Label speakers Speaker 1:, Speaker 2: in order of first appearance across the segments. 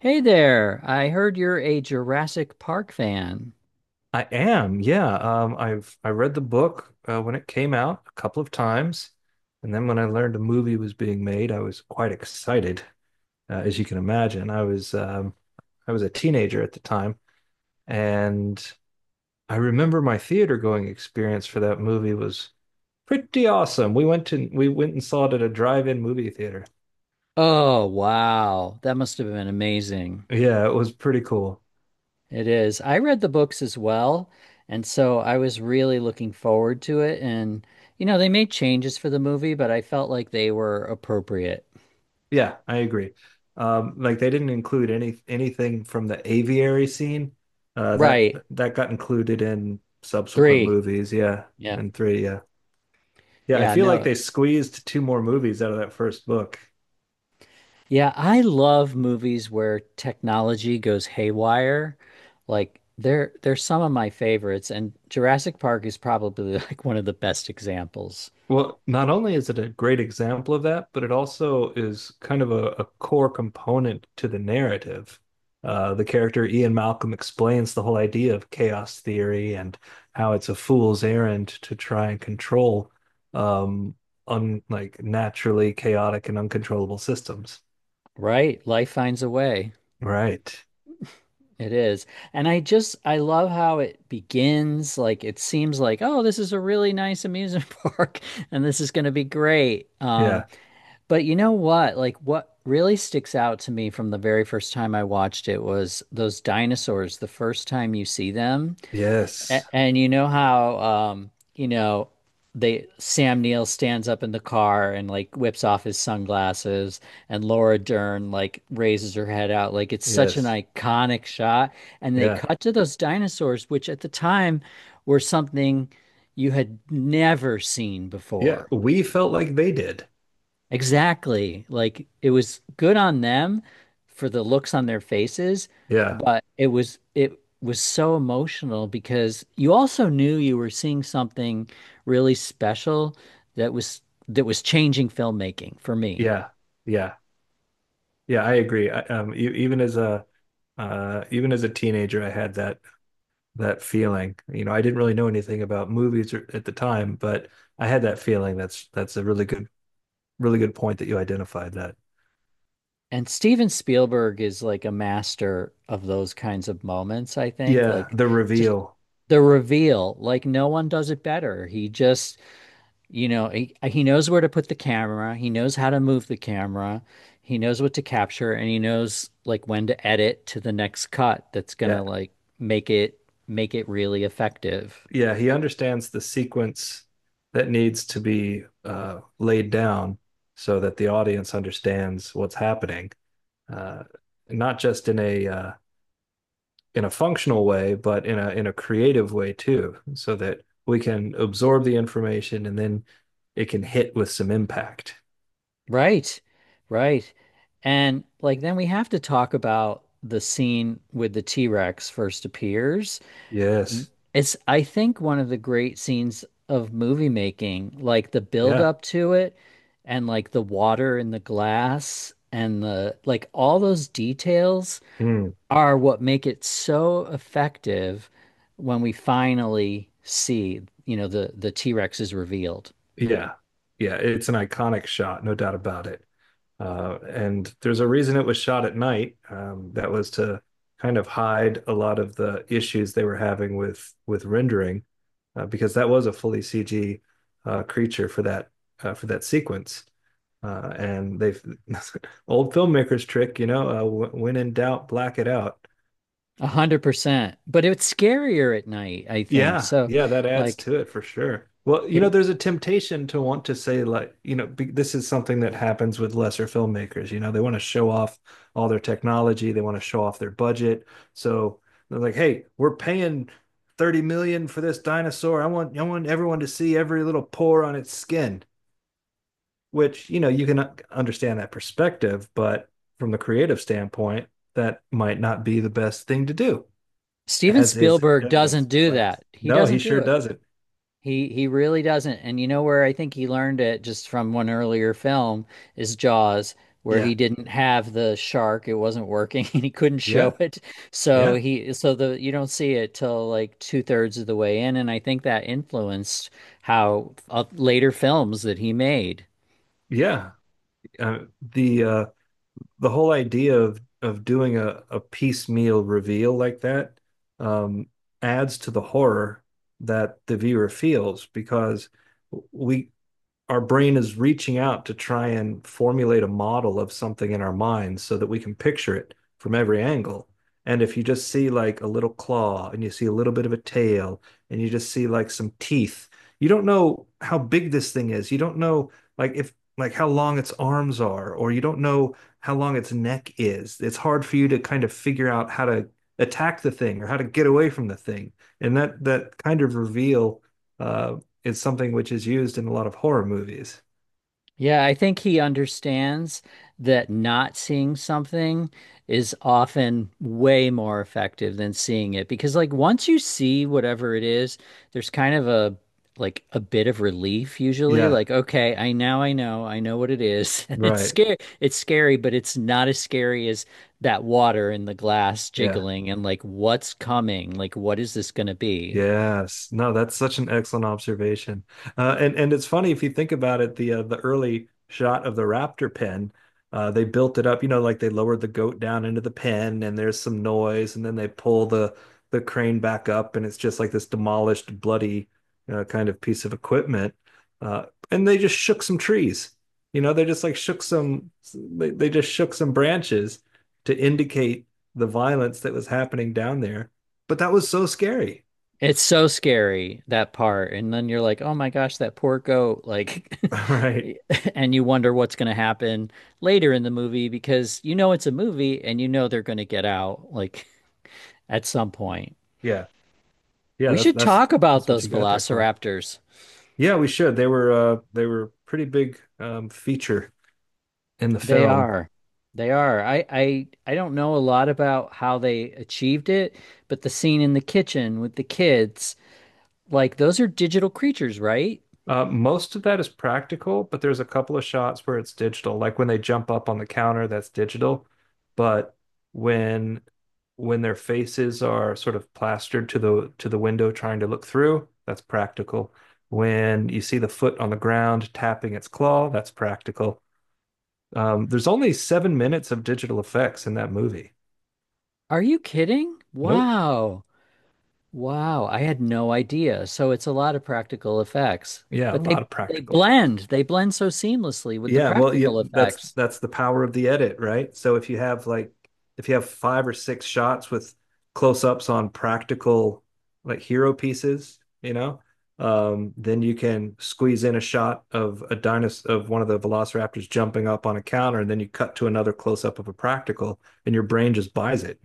Speaker 1: Hey there. I heard you're a Jurassic Park fan.
Speaker 2: I am, yeah. I read the book when it came out a couple of times, and then when I learned a movie was being made, I was quite excited, as you can imagine. I was a teenager at the time, and I remember my theater going experience for that movie was pretty awesome. We went and saw it at a drive-in movie theater.
Speaker 1: Oh, wow. That must have been amazing.
Speaker 2: Yeah, it was pretty cool.
Speaker 1: It is. I read the books as well, and so I was really looking forward to it. And, you know, they made changes for the movie, but I felt like they were appropriate.
Speaker 2: Yeah, I agree. Like they didn't include anything from the aviary scene. Uh, that
Speaker 1: Right.
Speaker 2: that got included in subsequent
Speaker 1: Three.
Speaker 2: movies. Yeah,
Speaker 1: Yeah.
Speaker 2: and three. Yeah, yeah. I
Speaker 1: Yeah,
Speaker 2: feel like
Speaker 1: no.
Speaker 2: they squeezed two more movies out of that first book.
Speaker 1: Yeah, I love movies where technology goes haywire. Like they're some of my favorites, and Jurassic Park is probably like one of the best examples.
Speaker 2: Well, not only is it a great example of that, but it also is kind of a core component to the narrative. The character Ian Malcolm explains the whole idea of chaos theory and how it's a fool's errand to try and control um, un like naturally chaotic and uncontrollable systems.
Speaker 1: Right. Life finds a way.
Speaker 2: Right.
Speaker 1: It is. And I love how it begins. Like it seems like, oh, this is a really nice amusement park and this is going to be great. Um,
Speaker 2: Yeah.
Speaker 1: but you know what? Like what really sticks out to me from the very first time I watched it was those dinosaurs, the first time you see them. A-
Speaker 2: Yes.
Speaker 1: And you know how they Sam Neill stands up in the car and like whips off his sunglasses and Laura Dern like raises her head out. Like it's such an
Speaker 2: Yes.
Speaker 1: iconic shot. And they
Speaker 2: Yeah.
Speaker 1: cut to those dinosaurs, which at the time were something you had never seen
Speaker 2: Yeah.
Speaker 1: before.
Speaker 2: We felt like they did.
Speaker 1: Exactly. Like it was good on them for the looks on their faces,
Speaker 2: Yeah.
Speaker 1: but it was so emotional because you also knew you were seeing something really special that was that was changing filmmaking for me.
Speaker 2: Yeah. Yeah. Yeah. I agree. Even as a even as a teenager, I had that feeling. You know, I didn't really know anything about movies or- at the time, but I had that feeling. That's a really good really good point that you identified that.
Speaker 1: And Steven Spielberg is like a master of those kinds of moments, I think.
Speaker 2: Yeah,
Speaker 1: Like
Speaker 2: the
Speaker 1: just
Speaker 2: reveal.
Speaker 1: the reveal, like no one does it better. He just You know, he knows where to put the camera. He knows how to move the camera. He knows what to capture and he knows like when to edit to the next cut that's gonna
Speaker 2: Yeah,
Speaker 1: like make it make it really effective.
Speaker 2: yeah, he understands the sequence that needs to be laid down so that the audience understands what's happening, uh, not just in a functional way, but in a creative way too, so that we can absorb the information and then it can hit with some impact.
Speaker 1: Right. Right. And like then we have to talk about the scene with the T-Rex first appears.
Speaker 2: Yes.
Speaker 1: It's, I think, one of the great scenes of movie making, like the build
Speaker 2: Yeah.
Speaker 1: up to it and like the water and the glass and the like all those details
Speaker 2: Mm.
Speaker 1: are what make it so effective when we finally see, you know, the T-Rex is revealed.
Speaker 2: Yeah. Yeah. It's an iconic shot, no doubt about it. And there's a reason it was shot at night. That was to kind of hide a lot of the issues they were having with rendering, because that was a fully CG creature for that sequence. And they've old filmmakers trick, you know, when in doubt, black it out.
Speaker 1: 100%. But it's scarier at night, I think.
Speaker 2: Yeah,
Speaker 1: So
Speaker 2: yeah, that adds
Speaker 1: like
Speaker 2: to it for sure. Well, you know,
Speaker 1: it,
Speaker 2: there's a temptation to want to say, like, you know, this is something that happens with lesser filmmakers. You know, they want to show off all their technology, they want to show off their budget. So they're like, hey, we're paying 30 million for this dinosaur. I want everyone to see every little pore on its skin, which, you know, you can understand that perspective, but from the creative standpoint, that might not be the best thing to do,
Speaker 1: Steven
Speaker 2: as is
Speaker 1: Spielberg doesn't
Speaker 2: evidenced
Speaker 1: do
Speaker 2: by this.
Speaker 1: that. He
Speaker 2: No, he
Speaker 1: doesn't do
Speaker 2: sure
Speaker 1: it.
Speaker 2: doesn't.
Speaker 1: He really doesn't. And you know where I think he learned it just from one earlier film is Jaws, where
Speaker 2: Yeah,
Speaker 1: he didn't have the shark. It wasn't working and he couldn't
Speaker 2: yeah,
Speaker 1: show it. So
Speaker 2: yeah,
Speaker 1: he so the you don't see it till like two-thirds of the way in. And I think that influenced how later films that he made.
Speaker 2: yeah. Uh, the uh, the whole idea of doing a piecemeal reveal like that, um, adds to the horror that the viewer feels because we our brain is reaching out to try and formulate a model of something in our minds so that we can picture it from every angle. And if you just see like a little claw and you see a little bit of a tail and you just see like some teeth, you don't know how big this thing is. You don't know like if like how long its arms are, or you don't know how long its neck is. It's hard for you to kind of figure out how to attack the thing or how to get away from the thing. And that kind of reveal uh, is something which is used in a lot of horror movies.
Speaker 1: Yeah, I think he understands that not seeing something is often way more effective than seeing it because like once you see whatever it is, there's kind of a like a bit of relief usually
Speaker 2: Yeah,
Speaker 1: like okay, I know what it is. And it's
Speaker 2: right.
Speaker 1: scary. It's scary, but it's not as scary as that water in the glass
Speaker 2: Yeah.
Speaker 1: jiggling and like what's coming? Like what is this going to be?
Speaker 2: Yes. No, that's such an excellent observation. And it's funny if you think about it, the early shot of the raptor pen, they built it up, you know, like they lowered the goat down into the pen and there's some noise and then they pull the crane back up and it's just like this demolished, bloody, kind of piece of equipment. Uh, and they just shook some trees. You know, they just shook some branches to indicate the violence that was happening down there. But that was so scary.
Speaker 1: It's so scary that part. And then you're like, oh my gosh, that poor goat. Like,
Speaker 2: All right.
Speaker 1: and you wonder what's going to happen later in the movie because you know it's a movie and you know they're going to get out like at some point.
Speaker 2: Yeah. Yeah,
Speaker 1: We should talk about
Speaker 2: that's what
Speaker 1: those
Speaker 2: you got there for.
Speaker 1: velociraptors.
Speaker 2: Yeah, we should. They were a pretty big feature in the
Speaker 1: They
Speaker 2: film.
Speaker 1: are. They are. I don't know a lot about how they achieved it, but the scene in the kitchen with the kids, like those are digital creatures, right?
Speaker 2: Uh, most of that is practical, but there's a couple of shots where it's digital. Like when they jump up on the counter, that's digital. But when when their faces are sort of plastered to the window trying to look through, that's practical. When you see the foot on the ground tapping its claw, that's practical. There's only 7 minutes of digital effects in that movie.
Speaker 1: Are you kidding?
Speaker 2: Nope.
Speaker 1: Wow. Wow, I had no idea. So it's a lot of practical effects,
Speaker 2: Yeah, a
Speaker 1: but
Speaker 2: lot
Speaker 1: they
Speaker 2: of
Speaker 1: they
Speaker 2: practical effects.
Speaker 1: blend. They blend so seamlessly with the practical
Speaker 2: That's
Speaker 1: effects.
Speaker 2: the power of the edit, right? So if you have like if you have five or six shots with close-ups on practical like hero pieces, you know, then you can squeeze in a shot of a dinosaur of one of the velociraptors jumping up on a counter, and then you cut to another close-up of a practical, and your brain just buys it.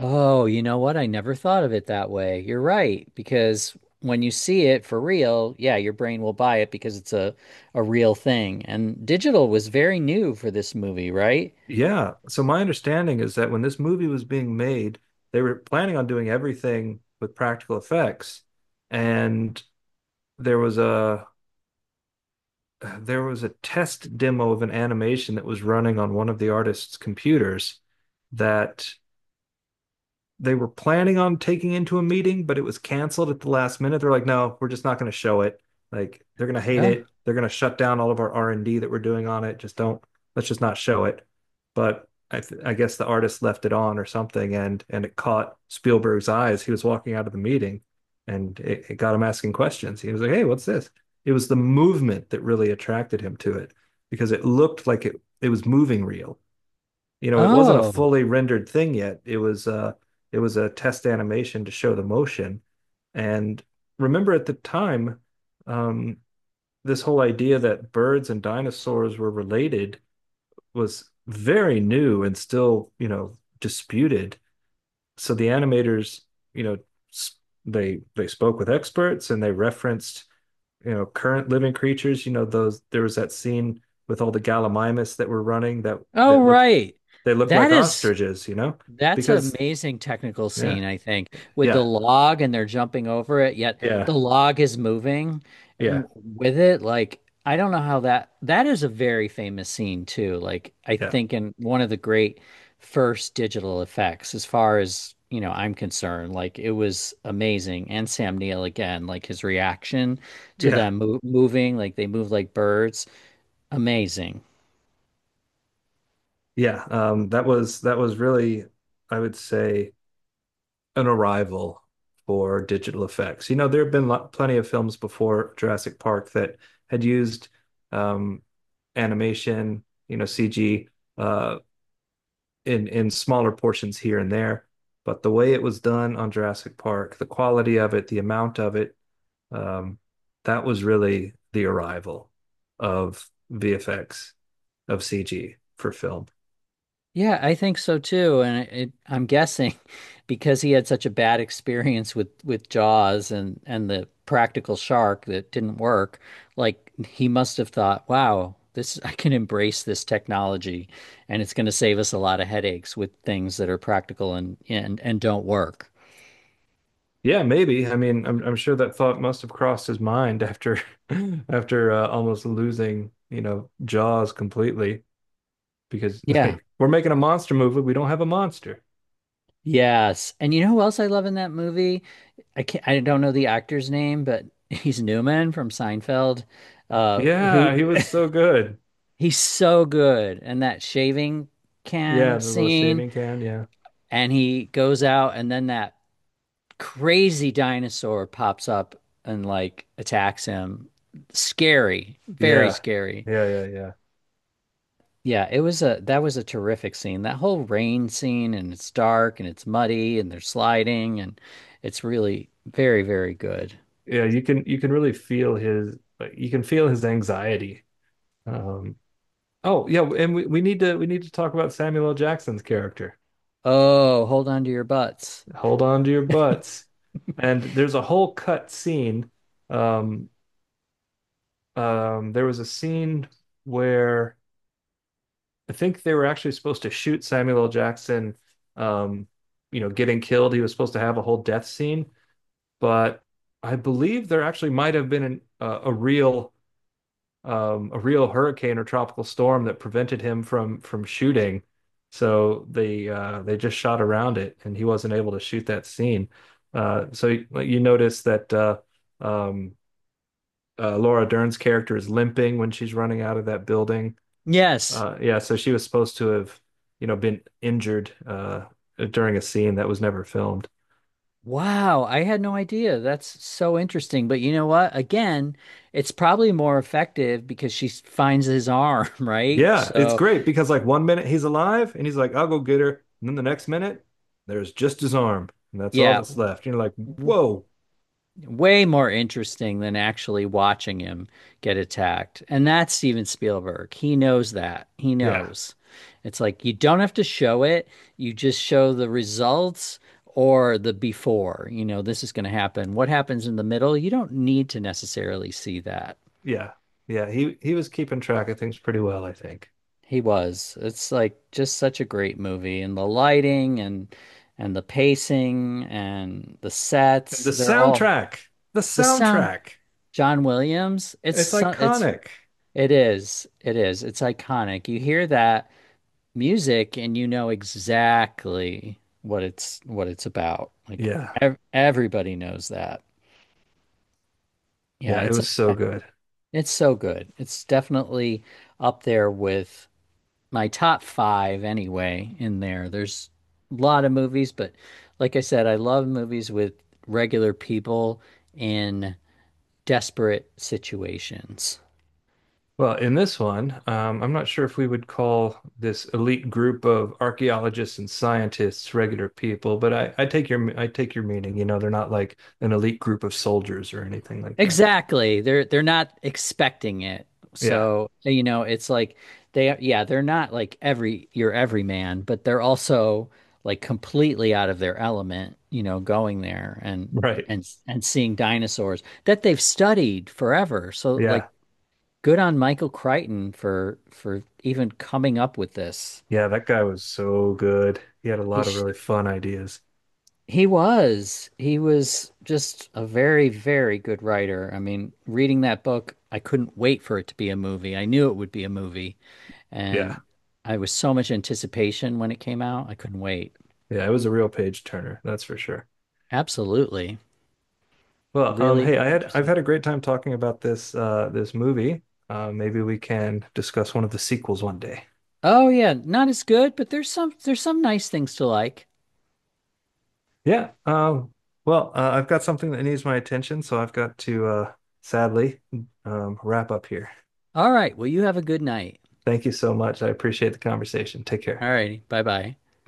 Speaker 1: Oh, you know what? I never thought of it that way. You're right, because when you see it for real, yeah, your brain will buy it because it's a real thing. And digital was very new for this movie, right?
Speaker 2: Yeah. So my understanding is that when this movie was being made, they were planning on doing everything with practical effects. And there was a there was a test demo of an animation that was running on one of the artist's computers that they were planning on taking into a meeting, but it was canceled at the last minute. They're like, no, we're just not going to show it. Like they're going to hate
Speaker 1: Oh.
Speaker 2: it. They're going to shut down all of our R and D that we're doing on it. Just don't. Let's just not show it. I guess the artist left it on or something, and it caught Spielberg's eyes. He was walking out of the meeting, and it got him asking questions. He was like, hey, what's this? It was the movement that really attracted him to it because it looked like it was moving real, you know, it wasn't a
Speaker 1: Oh.
Speaker 2: fully rendered thing yet. It was a test animation to show the motion. And remember at the time, um, this whole idea that birds and dinosaurs were related was very new and still, you know, disputed. So the animators, you know, they spoke with experts and they referenced, you know, current living creatures. You know, those there was that scene with all the gallimimus that were running
Speaker 1: Oh,
Speaker 2: that looked,
Speaker 1: right.
Speaker 2: they look
Speaker 1: That
Speaker 2: like
Speaker 1: is
Speaker 2: ostriches, you know?
Speaker 1: That's an
Speaker 2: Because
Speaker 1: amazing technical
Speaker 2: yeah,
Speaker 1: scene, I think, with the
Speaker 2: yeah,
Speaker 1: log and they're jumping over it, yet the
Speaker 2: yeah,
Speaker 1: log is moving
Speaker 2: yeah,
Speaker 1: w- with it. Like, I don't know how that is a very famous scene too. Like, I
Speaker 2: yeah,
Speaker 1: think in one of the great first digital effects, as far as, you know, I'm concerned, like it was amazing. And Sam Neill again, like his reaction to
Speaker 2: yeah,
Speaker 1: them mo moving, like they move like birds, amazing.
Speaker 2: yeah. That was really, I would say, an arrival for digital effects. You know, there have been plenty of films before Jurassic Park that had used um, animation, you know, CG, uh, in smaller portions here and there. But the way it was done on Jurassic Park, the quality of it, the amount of it, Um, that was really the arrival of VFX, of CG for film.
Speaker 1: Yeah, I think so too, and I'm guessing because he had such a bad experience with Jaws and the practical shark that didn't work, like he must have thought, "Wow, this I can embrace this technology, and it's going to save us a lot of headaches with things that are practical and don't work."
Speaker 2: Yeah, maybe. I'm sure that thought must have crossed his mind after after almost losing, you know, Jaws completely because
Speaker 1: Yeah.
Speaker 2: like we're making a monster movie, we don't have a monster.
Speaker 1: Yes. And you know who else I love in that movie? I don't know the actor's name, but he's Newman from Seinfeld, who
Speaker 2: Yeah, he was so good.
Speaker 1: He's so good. And that shaving
Speaker 2: Yeah,
Speaker 1: can
Speaker 2: the little
Speaker 1: scene,
Speaker 2: shaving can, yeah.
Speaker 1: and he goes out, and then that crazy dinosaur pops up and like attacks him. Scary, very
Speaker 2: Yeah.
Speaker 1: scary.
Speaker 2: Yeah, yeah, yeah.
Speaker 1: Yeah, it was a that was a terrific scene. That whole rain scene, and it's dark and it's muddy and they're sliding, and it's really very, very good.
Speaker 2: Yeah, you can really feel his like you can feel his anxiety, um. Oh, yeah, and we need to talk about Samuel L. Jackson's character.
Speaker 1: Oh, hold on to your butts.
Speaker 2: Hold on to your butts. And there's a whole cut scene. Um, there was a scene where I think they were actually supposed to shoot Samuel L. Jackson, um, you know, getting killed. He was supposed to have a whole death scene, but I believe there actually might have been an, a real hurricane or tropical storm that prevented him from shooting. So they just shot around it, and he wasn't able to shoot that scene. You notice that um, Laura Dern's character is limping when she's running out of that building.
Speaker 1: Yes,
Speaker 2: Yeah, so she was supposed to have, you know, been injured, during a scene that was never filmed.
Speaker 1: wow, I had no idea. That's so interesting. But you know what? Again, it's probably more effective because finds his arm, right?
Speaker 2: Yeah, it's
Speaker 1: So,
Speaker 2: great because like one minute he's alive and he's like, I'll go get her. And then the next minute, there's just his arm. And that's all
Speaker 1: yeah,
Speaker 2: that's left. And you're like,
Speaker 1: w-
Speaker 2: whoa.
Speaker 1: way more interesting than actually watching him get attacked. And that's Steven Spielberg. He knows that. He
Speaker 2: Yeah,
Speaker 1: knows. It's like you don't have to show it, you just show the results or the before. You know, this is going to happen. What happens in the middle? You don't need to necessarily see that.
Speaker 2: yeah, yeah. He was keeping track of things pretty well, I think.
Speaker 1: He was. It's like just such a great movie and the lighting and the pacing and the
Speaker 2: And
Speaker 1: sets,
Speaker 2: the
Speaker 1: they're all
Speaker 2: soundtrack, the
Speaker 1: the sound.
Speaker 2: soundtrack.
Speaker 1: John Williams,
Speaker 2: It's iconic.
Speaker 1: it is. It is. It's iconic. You hear that music and you know exactly what it's about. Like
Speaker 2: Yeah.
Speaker 1: ev everybody knows that.
Speaker 2: Yeah,
Speaker 1: Yeah,
Speaker 2: it
Speaker 1: it's
Speaker 2: was so
Speaker 1: a
Speaker 2: good.
Speaker 1: it's so good. It's definitely up there with my top five anyway in there. There's a lot of movies, but like I said, I love movies with regular people in desperate situations.
Speaker 2: Well, in this one, I'm not sure if we would call this elite group of archaeologists and scientists regular people, but I take your meaning. You know, they're not like an elite group of soldiers or anything like that.
Speaker 1: Exactly. They're not expecting it.
Speaker 2: Yeah,
Speaker 1: So, you know, it's like they yeah, they're not like everyman, but they're also like completely out of their element, you know, going there and
Speaker 2: right.
Speaker 1: seeing dinosaurs that they've studied forever. So
Speaker 2: Yeah,
Speaker 1: like good on Michael Crichton for even coming up with this.
Speaker 2: yeah. That guy was so good. He had a
Speaker 1: He
Speaker 2: lot of
Speaker 1: sh
Speaker 2: really fun ideas.
Speaker 1: he was just a very, very good writer. I mean, reading that book, I couldn't wait for it to be a movie. I knew it would be a movie,
Speaker 2: Yeah,
Speaker 1: and I was so much anticipation when it came out. I couldn't wait.
Speaker 2: yeah. It was a real page turner, that's for sure.
Speaker 1: Absolutely.
Speaker 2: Well,
Speaker 1: Really
Speaker 2: hey, I've
Speaker 1: interesting.
Speaker 2: had a great time talking about this movie. Maybe we can discuss one of the sequels one day.
Speaker 1: Oh yeah, not as good, but there's some nice things to like.
Speaker 2: Yeah. I've got something that needs my attention, so I've got to sadly, wrap up here.
Speaker 1: All right, well you have a good night.
Speaker 2: Thank you so much. I appreciate the conversation. Take
Speaker 1: All
Speaker 2: care.
Speaker 1: righty, bye-bye.